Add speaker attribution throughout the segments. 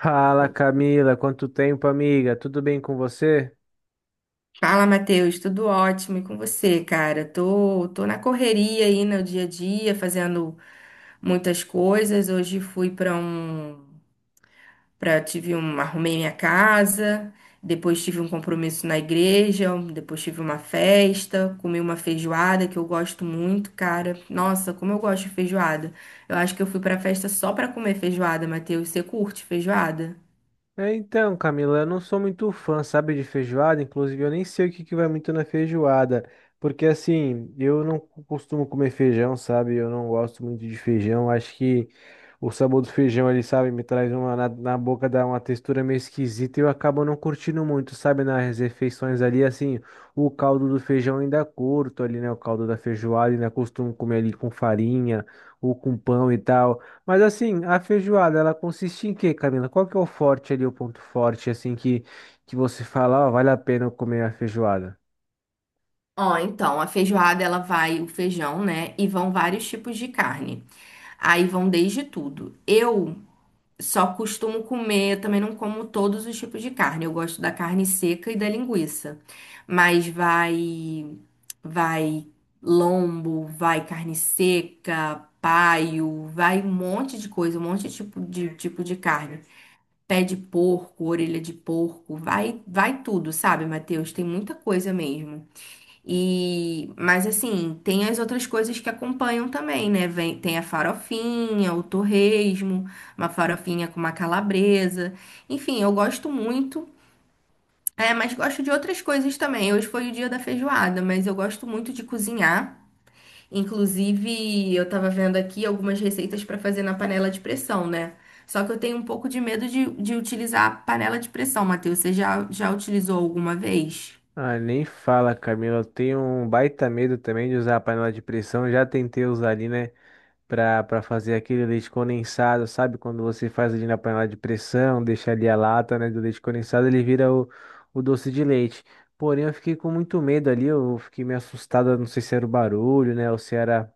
Speaker 1: Fala, Camila, quanto tempo, amiga? Tudo bem com você?
Speaker 2: Fala, Matheus, tudo ótimo e com você, cara? Tô na correria aí no dia a dia, fazendo muitas coisas. Hoje fui para um, para tive arrumei minha casa, depois tive um compromisso na igreja, depois tive uma festa, comi uma feijoada que eu gosto muito, cara. Nossa, como eu gosto de feijoada. Eu acho que eu fui pra festa só pra comer feijoada, Matheus. Você curte feijoada?
Speaker 1: É, então, Camila, eu não sou muito fã, sabe, de feijoada. Inclusive, eu nem sei o que que vai muito na feijoada. Porque, assim, eu não costumo comer feijão, sabe? Eu não gosto muito de feijão. Acho que o sabor do feijão ele sabe? Me traz uma, na boca dá uma textura meio esquisita e eu acabo não curtindo muito, sabe? Nas refeições ali, assim, o caldo do feijão ainda curto ali, né? O caldo da feijoada, ainda costumo comer ali com farinha ou com pão e tal. Mas assim, a feijoada, ela consiste em quê, Camila? Qual que é o forte ali, o ponto forte, assim, que você fala, ó, vale a pena eu comer a feijoada?
Speaker 2: Ó, então, a feijoada ela vai o feijão, né? E vão vários tipos de carne. Aí vão desde tudo. Eu só costumo comer, eu também não como todos os tipos de carne. Eu gosto da carne seca e da linguiça. Mas vai lombo, vai carne seca, paio, vai um monte de coisa, um monte de tipo de carne. Pé de porco, orelha de porco, vai tudo, sabe, Matheus? Tem muita coisa mesmo. E, mas assim, tem as outras coisas que acompanham também, né? Vem, tem a farofinha, o torresmo, uma farofinha com uma calabresa. Enfim, eu gosto muito. É, mas gosto de outras coisas também. Hoje foi o dia da feijoada, mas eu gosto muito de cozinhar. Inclusive, eu tava vendo aqui algumas receitas para fazer na panela de pressão, né? Só que eu tenho um pouco de medo de utilizar a panela de pressão, Matheus. Você já utilizou alguma vez?
Speaker 1: Ah, nem fala, Camila. Eu tenho um baita medo também de usar a panela de pressão. Já tentei usar ali, né? Para fazer aquele leite condensado, sabe? Quando você faz ali na panela de pressão, deixa ali a lata, né, do leite condensado, ele vira o doce de leite. Porém, eu fiquei com muito medo ali, eu fiquei meio assustada, não sei se era o barulho, né, ou se era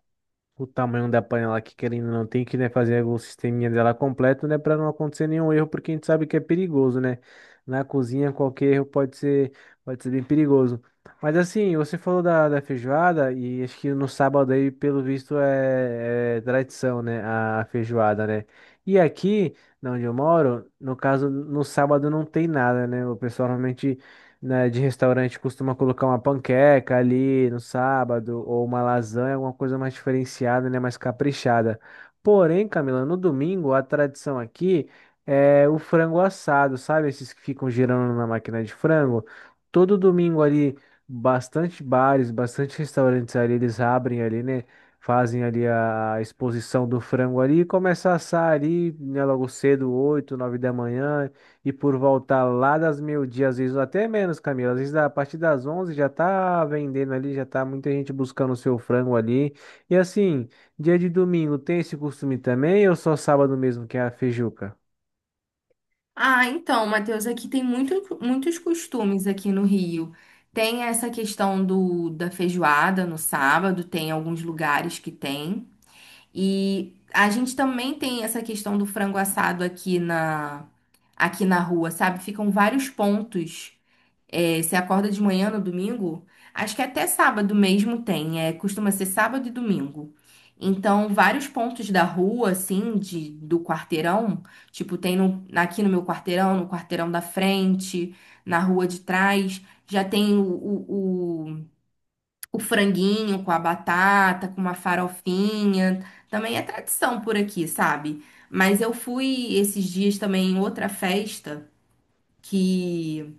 Speaker 1: o tamanho da panela que querendo ou não tem que, né, fazer o sisteminha dela completo, né, para não acontecer nenhum erro, porque a gente sabe que é perigoso, né? Na cozinha qualquer erro pode ser bem perigoso. Mas assim, você falou da, da feijoada e acho que no sábado aí, pelo visto, é, é tradição, né, a feijoada, né? E aqui, na onde eu moro, no caso, no sábado não tem nada, né? O pessoal normalmente né, de restaurante costuma colocar uma panqueca ali no sábado, ou uma lasanha, alguma coisa mais diferenciada, né, mais caprichada. Porém, Camila, no domingo a tradição aqui é o frango assado, sabe? Esses que ficam girando na máquina de frango. Todo domingo ali, bastante bares, bastante restaurantes ali, eles abrem ali, né? Fazem ali a exposição do frango ali e começa a assar ali, né, logo cedo, 8 9 da manhã. E por voltar lá das meio-dia, às vezes até menos, Camila. Às vezes a partir das 11 já tá vendendo ali, já tá muita gente buscando o seu frango ali. E assim, dia de domingo tem esse costume também ou só sábado mesmo que é a feijuca?
Speaker 2: Ah, então, Matheus, aqui tem muitos costumes aqui no Rio. Tem essa questão da feijoada no sábado, tem alguns lugares que tem. E a gente também tem essa questão do frango assado aqui na rua, sabe? Ficam vários pontos é, você acorda de manhã no domingo? Acho que até sábado mesmo tem, é, costuma ser sábado e domingo. Então, vários pontos da rua, assim, do quarteirão, tipo, tem no- aqui no meu quarteirão, no quarteirão da frente, na rua de trás, já tem o franguinho com a batata, com uma farofinha. Também é tradição por aqui, sabe? Mas eu fui esses dias também em outra festa que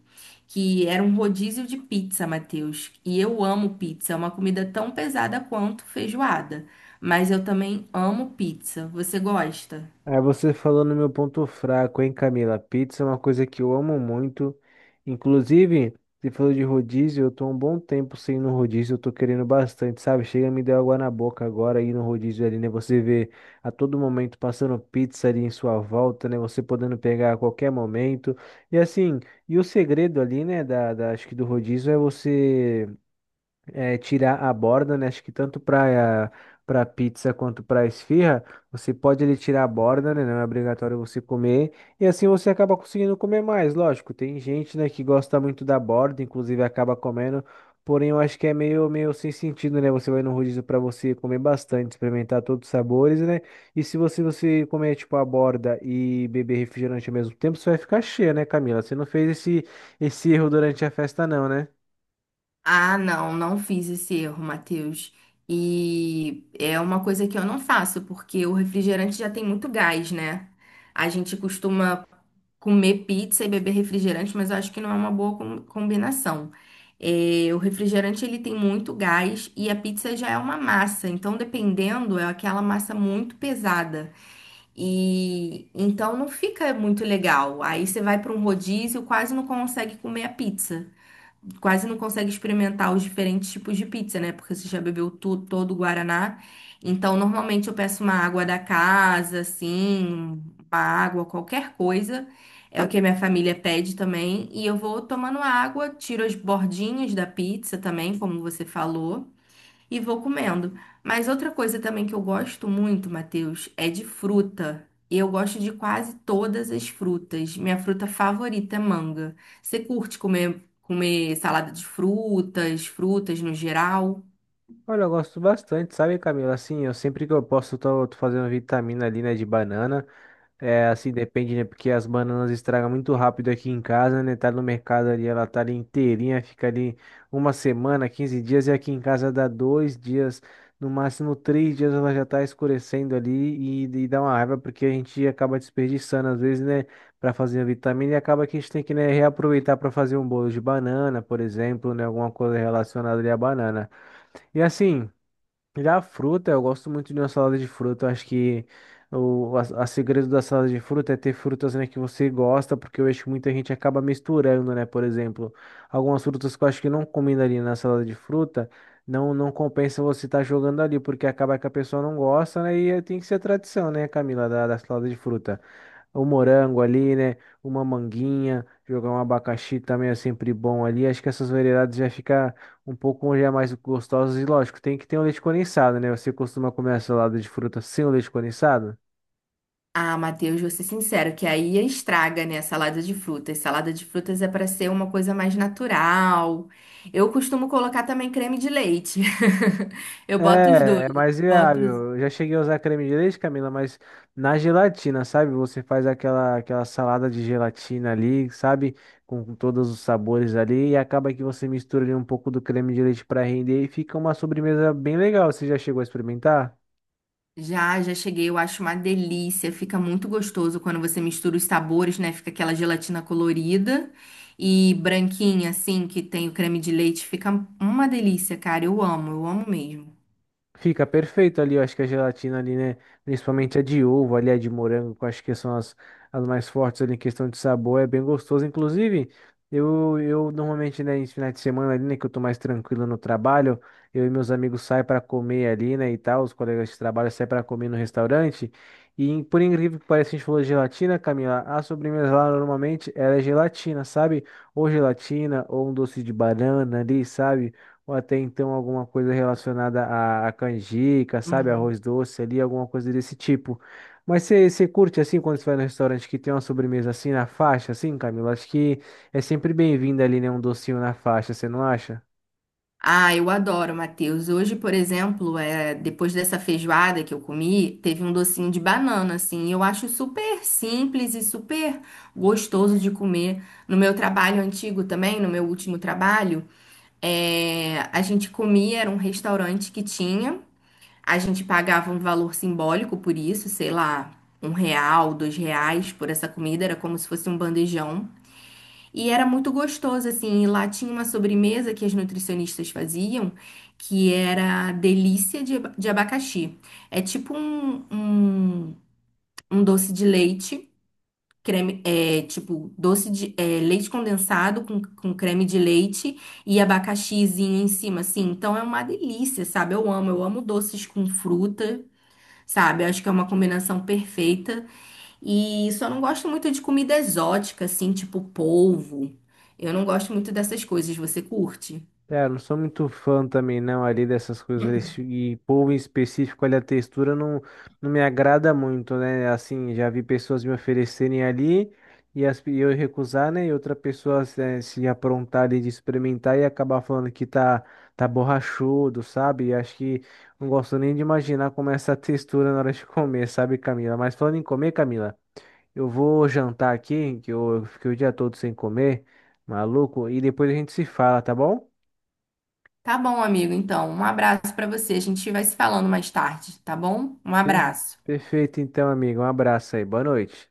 Speaker 2: que era um rodízio de pizza, Matheus. E eu amo pizza, é uma comida tão pesada quanto feijoada. Mas eu também amo pizza. Você gosta?
Speaker 1: Aí você falou no meu ponto fraco, hein, Camila? Pizza é uma coisa que eu amo muito. Inclusive, você falou de rodízio, eu tô há um bom tempo sem ir no rodízio, eu tô querendo bastante, sabe? Chega, me deu água na boca agora ir no rodízio ali, né? Você vê a todo momento passando pizza ali em sua volta, né? Você podendo pegar a qualquer momento. E assim, e o segredo ali, né, da, acho que do rodízio é você é, tirar a borda, né? Acho que tanto para pizza quanto para esfirra, você pode ele tirar a borda, né? Não é obrigatório você comer. E assim você acaba conseguindo comer mais, lógico. Tem gente, né, que gosta muito da borda, inclusive acaba comendo. Porém, eu acho que é meio, meio sem sentido, né? Você vai no rodízio para você comer bastante, experimentar todos os sabores, né? E se você, você comer, tipo, a borda e beber refrigerante ao mesmo tempo, você vai ficar cheia, né, Camila? Você não fez esse, esse erro durante a festa, não, né?
Speaker 2: Ah, não, não fiz esse erro, Matheus. E é uma coisa que eu não faço, porque o refrigerante já tem muito gás, né? A gente costuma comer pizza e beber refrigerante, mas eu acho que não é uma boa combinação. É, o refrigerante ele tem muito gás e a pizza já é uma massa, então dependendo é aquela massa muito pesada e então não fica muito legal. Aí você vai para um rodízio, quase não consegue comer a pizza, quase não consegue experimentar os diferentes tipos de pizza, né? Porque você já bebeu todo o Guaraná. Então, normalmente eu peço uma água da casa, assim, uma água, qualquer coisa. É o que a minha família pede também. E eu vou tomando água, tiro as bordinhas da pizza também, como você falou, e vou comendo. Mas outra coisa também que eu gosto muito, Matheus, é de fruta. E eu gosto de quase todas as frutas. Minha fruta favorita é manga. Você curte comer salada de frutas, frutas no geral?
Speaker 1: Olha, eu gosto bastante, sabe, Camila? Assim, eu sempre que eu posso, tô fazendo vitamina ali, né, de banana. É, assim, depende, né, porque as bananas estragam muito rápido aqui em casa, né? Tá no mercado ali, ela tá ali inteirinha, fica ali uma semana, 15 dias, e aqui em casa dá 2 dias, no máximo 3 dias ela já tá escurecendo ali e dá uma raiva, porque a gente acaba desperdiçando, às vezes, né, para fazer a vitamina e acaba que a gente tem que, né, reaproveitar para fazer um bolo de banana, por exemplo, né, alguma coisa relacionada ali à banana. E assim. Já a fruta, eu gosto muito de uma salada de fruta. Eu acho que o a segredo da salada de fruta é ter frutas, né, que você gosta, porque eu acho que muita gente acaba misturando, né? Por exemplo, algumas frutas que eu acho que não combina ali na salada de fruta, não compensa você estar jogando ali, porque acaba que a pessoa não gosta, né? E tem que ser tradição, né, Camila, da, da salada de fruta. O morango ali, né? Uma manguinha, jogar um abacaxi também é sempre bom ali. Acho que essas variedades já fica um pouco já mais gostosos e lógico, tem que ter um leite condensado, né? Você costuma comer a salada de fruta sem o leite condensado?
Speaker 2: Ah, Matheus, vou ser sincero, que aí estraga, né, a salada de frutas. Salada de frutas é para ser uma coisa mais natural. Eu costumo colocar também creme de leite. Eu boto os dois.
Speaker 1: É, é mais
Speaker 2: Boto
Speaker 1: viável. Eu já cheguei a usar creme de leite, Camila, mas na gelatina, sabe? Você faz aquela, aquela salada de gelatina ali, sabe? Com todos os sabores ali, e acaba que você mistura ali um pouco do creme de leite para render e fica uma sobremesa bem legal. Você já chegou a experimentar?
Speaker 2: Já, já cheguei, eu acho uma delícia. Fica muito gostoso quando você mistura os sabores, né? Fica aquela gelatina colorida e branquinha, assim, que tem o creme de leite. Fica uma delícia, cara. Eu amo mesmo.
Speaker 1: Fica perfeito ali, eu acho que a gelatina ali, né? Principalmente a de ovo, ali a de morango, que eu acho que são as, as mais fortes ali em questão de sabor, é bem gostoso. Inclusive, eu normalmente, né, em finais de semana ali, né, que eu tô mais tranquilo no trabalho, eu e meus amigos saem para comer ali, né, e tal, os colegas de trabalho saem para comer no restaurante. E em- por incrível que pareça, a gente falou de gelatina, Camila, a sobremesa lá normalmente ela é gelatina, sabe? Ou gelatina, ou um doce de banana ali, sabe? Ou até então alguma coisa relacionada à, à canjica, sabe?
Speaker 2: Uhum.
Speaker 1: Arroz doce ali, alguma coisa desse tipo. Mas você curte assim quando você vai no restaurante que tem uma sobremesa assim na faixa, assim, Camila? Acho que é sempre bem-vindo ali, né? Um docinho na faixa, você não acha?
Speaker 2: Ah, eu adoro, Matheus. Hoje, por exemplo, depois dessa feijoada que eu comi, teve um docinho de banana, assim. Eu acho super simples e super gostoso de comer. No meu trabalho antigo também, no meu último trabalho. É, a gente comia, era um restaurante que tinha. A gente pagava um valor simbólico por isso, sei lá, um real, dois reais por essa comida, era como se fosse um bandejão. E era muito gostoso, assim. E lá tinha uma sobremesa que as nutricionistas faziam, que era delícia de abacaxi. É tipo um, um doce de leite creme, tipo, doce leite condensado com creme de leite e abacaxizinho em cima, assim. Então é uma delícia, sabe? Eu amo doces com fruta, sabe? Eu acho que é uma combinação perfeita. E só não gosto muito de comida exótica, assim, tipo polvo. Eu não gosto muito dessas coisas. Você curte?
Speaker 1: É, eu não sou muito fã também, não, ali dessas coisas. Desse- e polvo em específico, ali a textura não, não me agrada muito, né? Assim, já vi pessoas me oferecerem ali e, as, e eu recusar, né? E outra pessoa se, se aprontar ali de experimentar e acabar falando que tá, tá borrachudo, sabe? E acho que não gosto nem de imaginar como é essa textura na hora de comer, sabe, Camila? Mas falando em comer, Camila, eu vou jantar aqui, que eu fiquei o dia todo sem comer, maluco, e depois a gente se fala, tá bom?
Speaker 2: Tá bom, amigo. Então, um abraço pra você. A gente vai se falando mais tarde, tá bom? Um
Speaker 1: Per-
Speaker 2: abraço.
Speaker 1: Perfeito, então, amigo. Um abraço aí. Boa noite.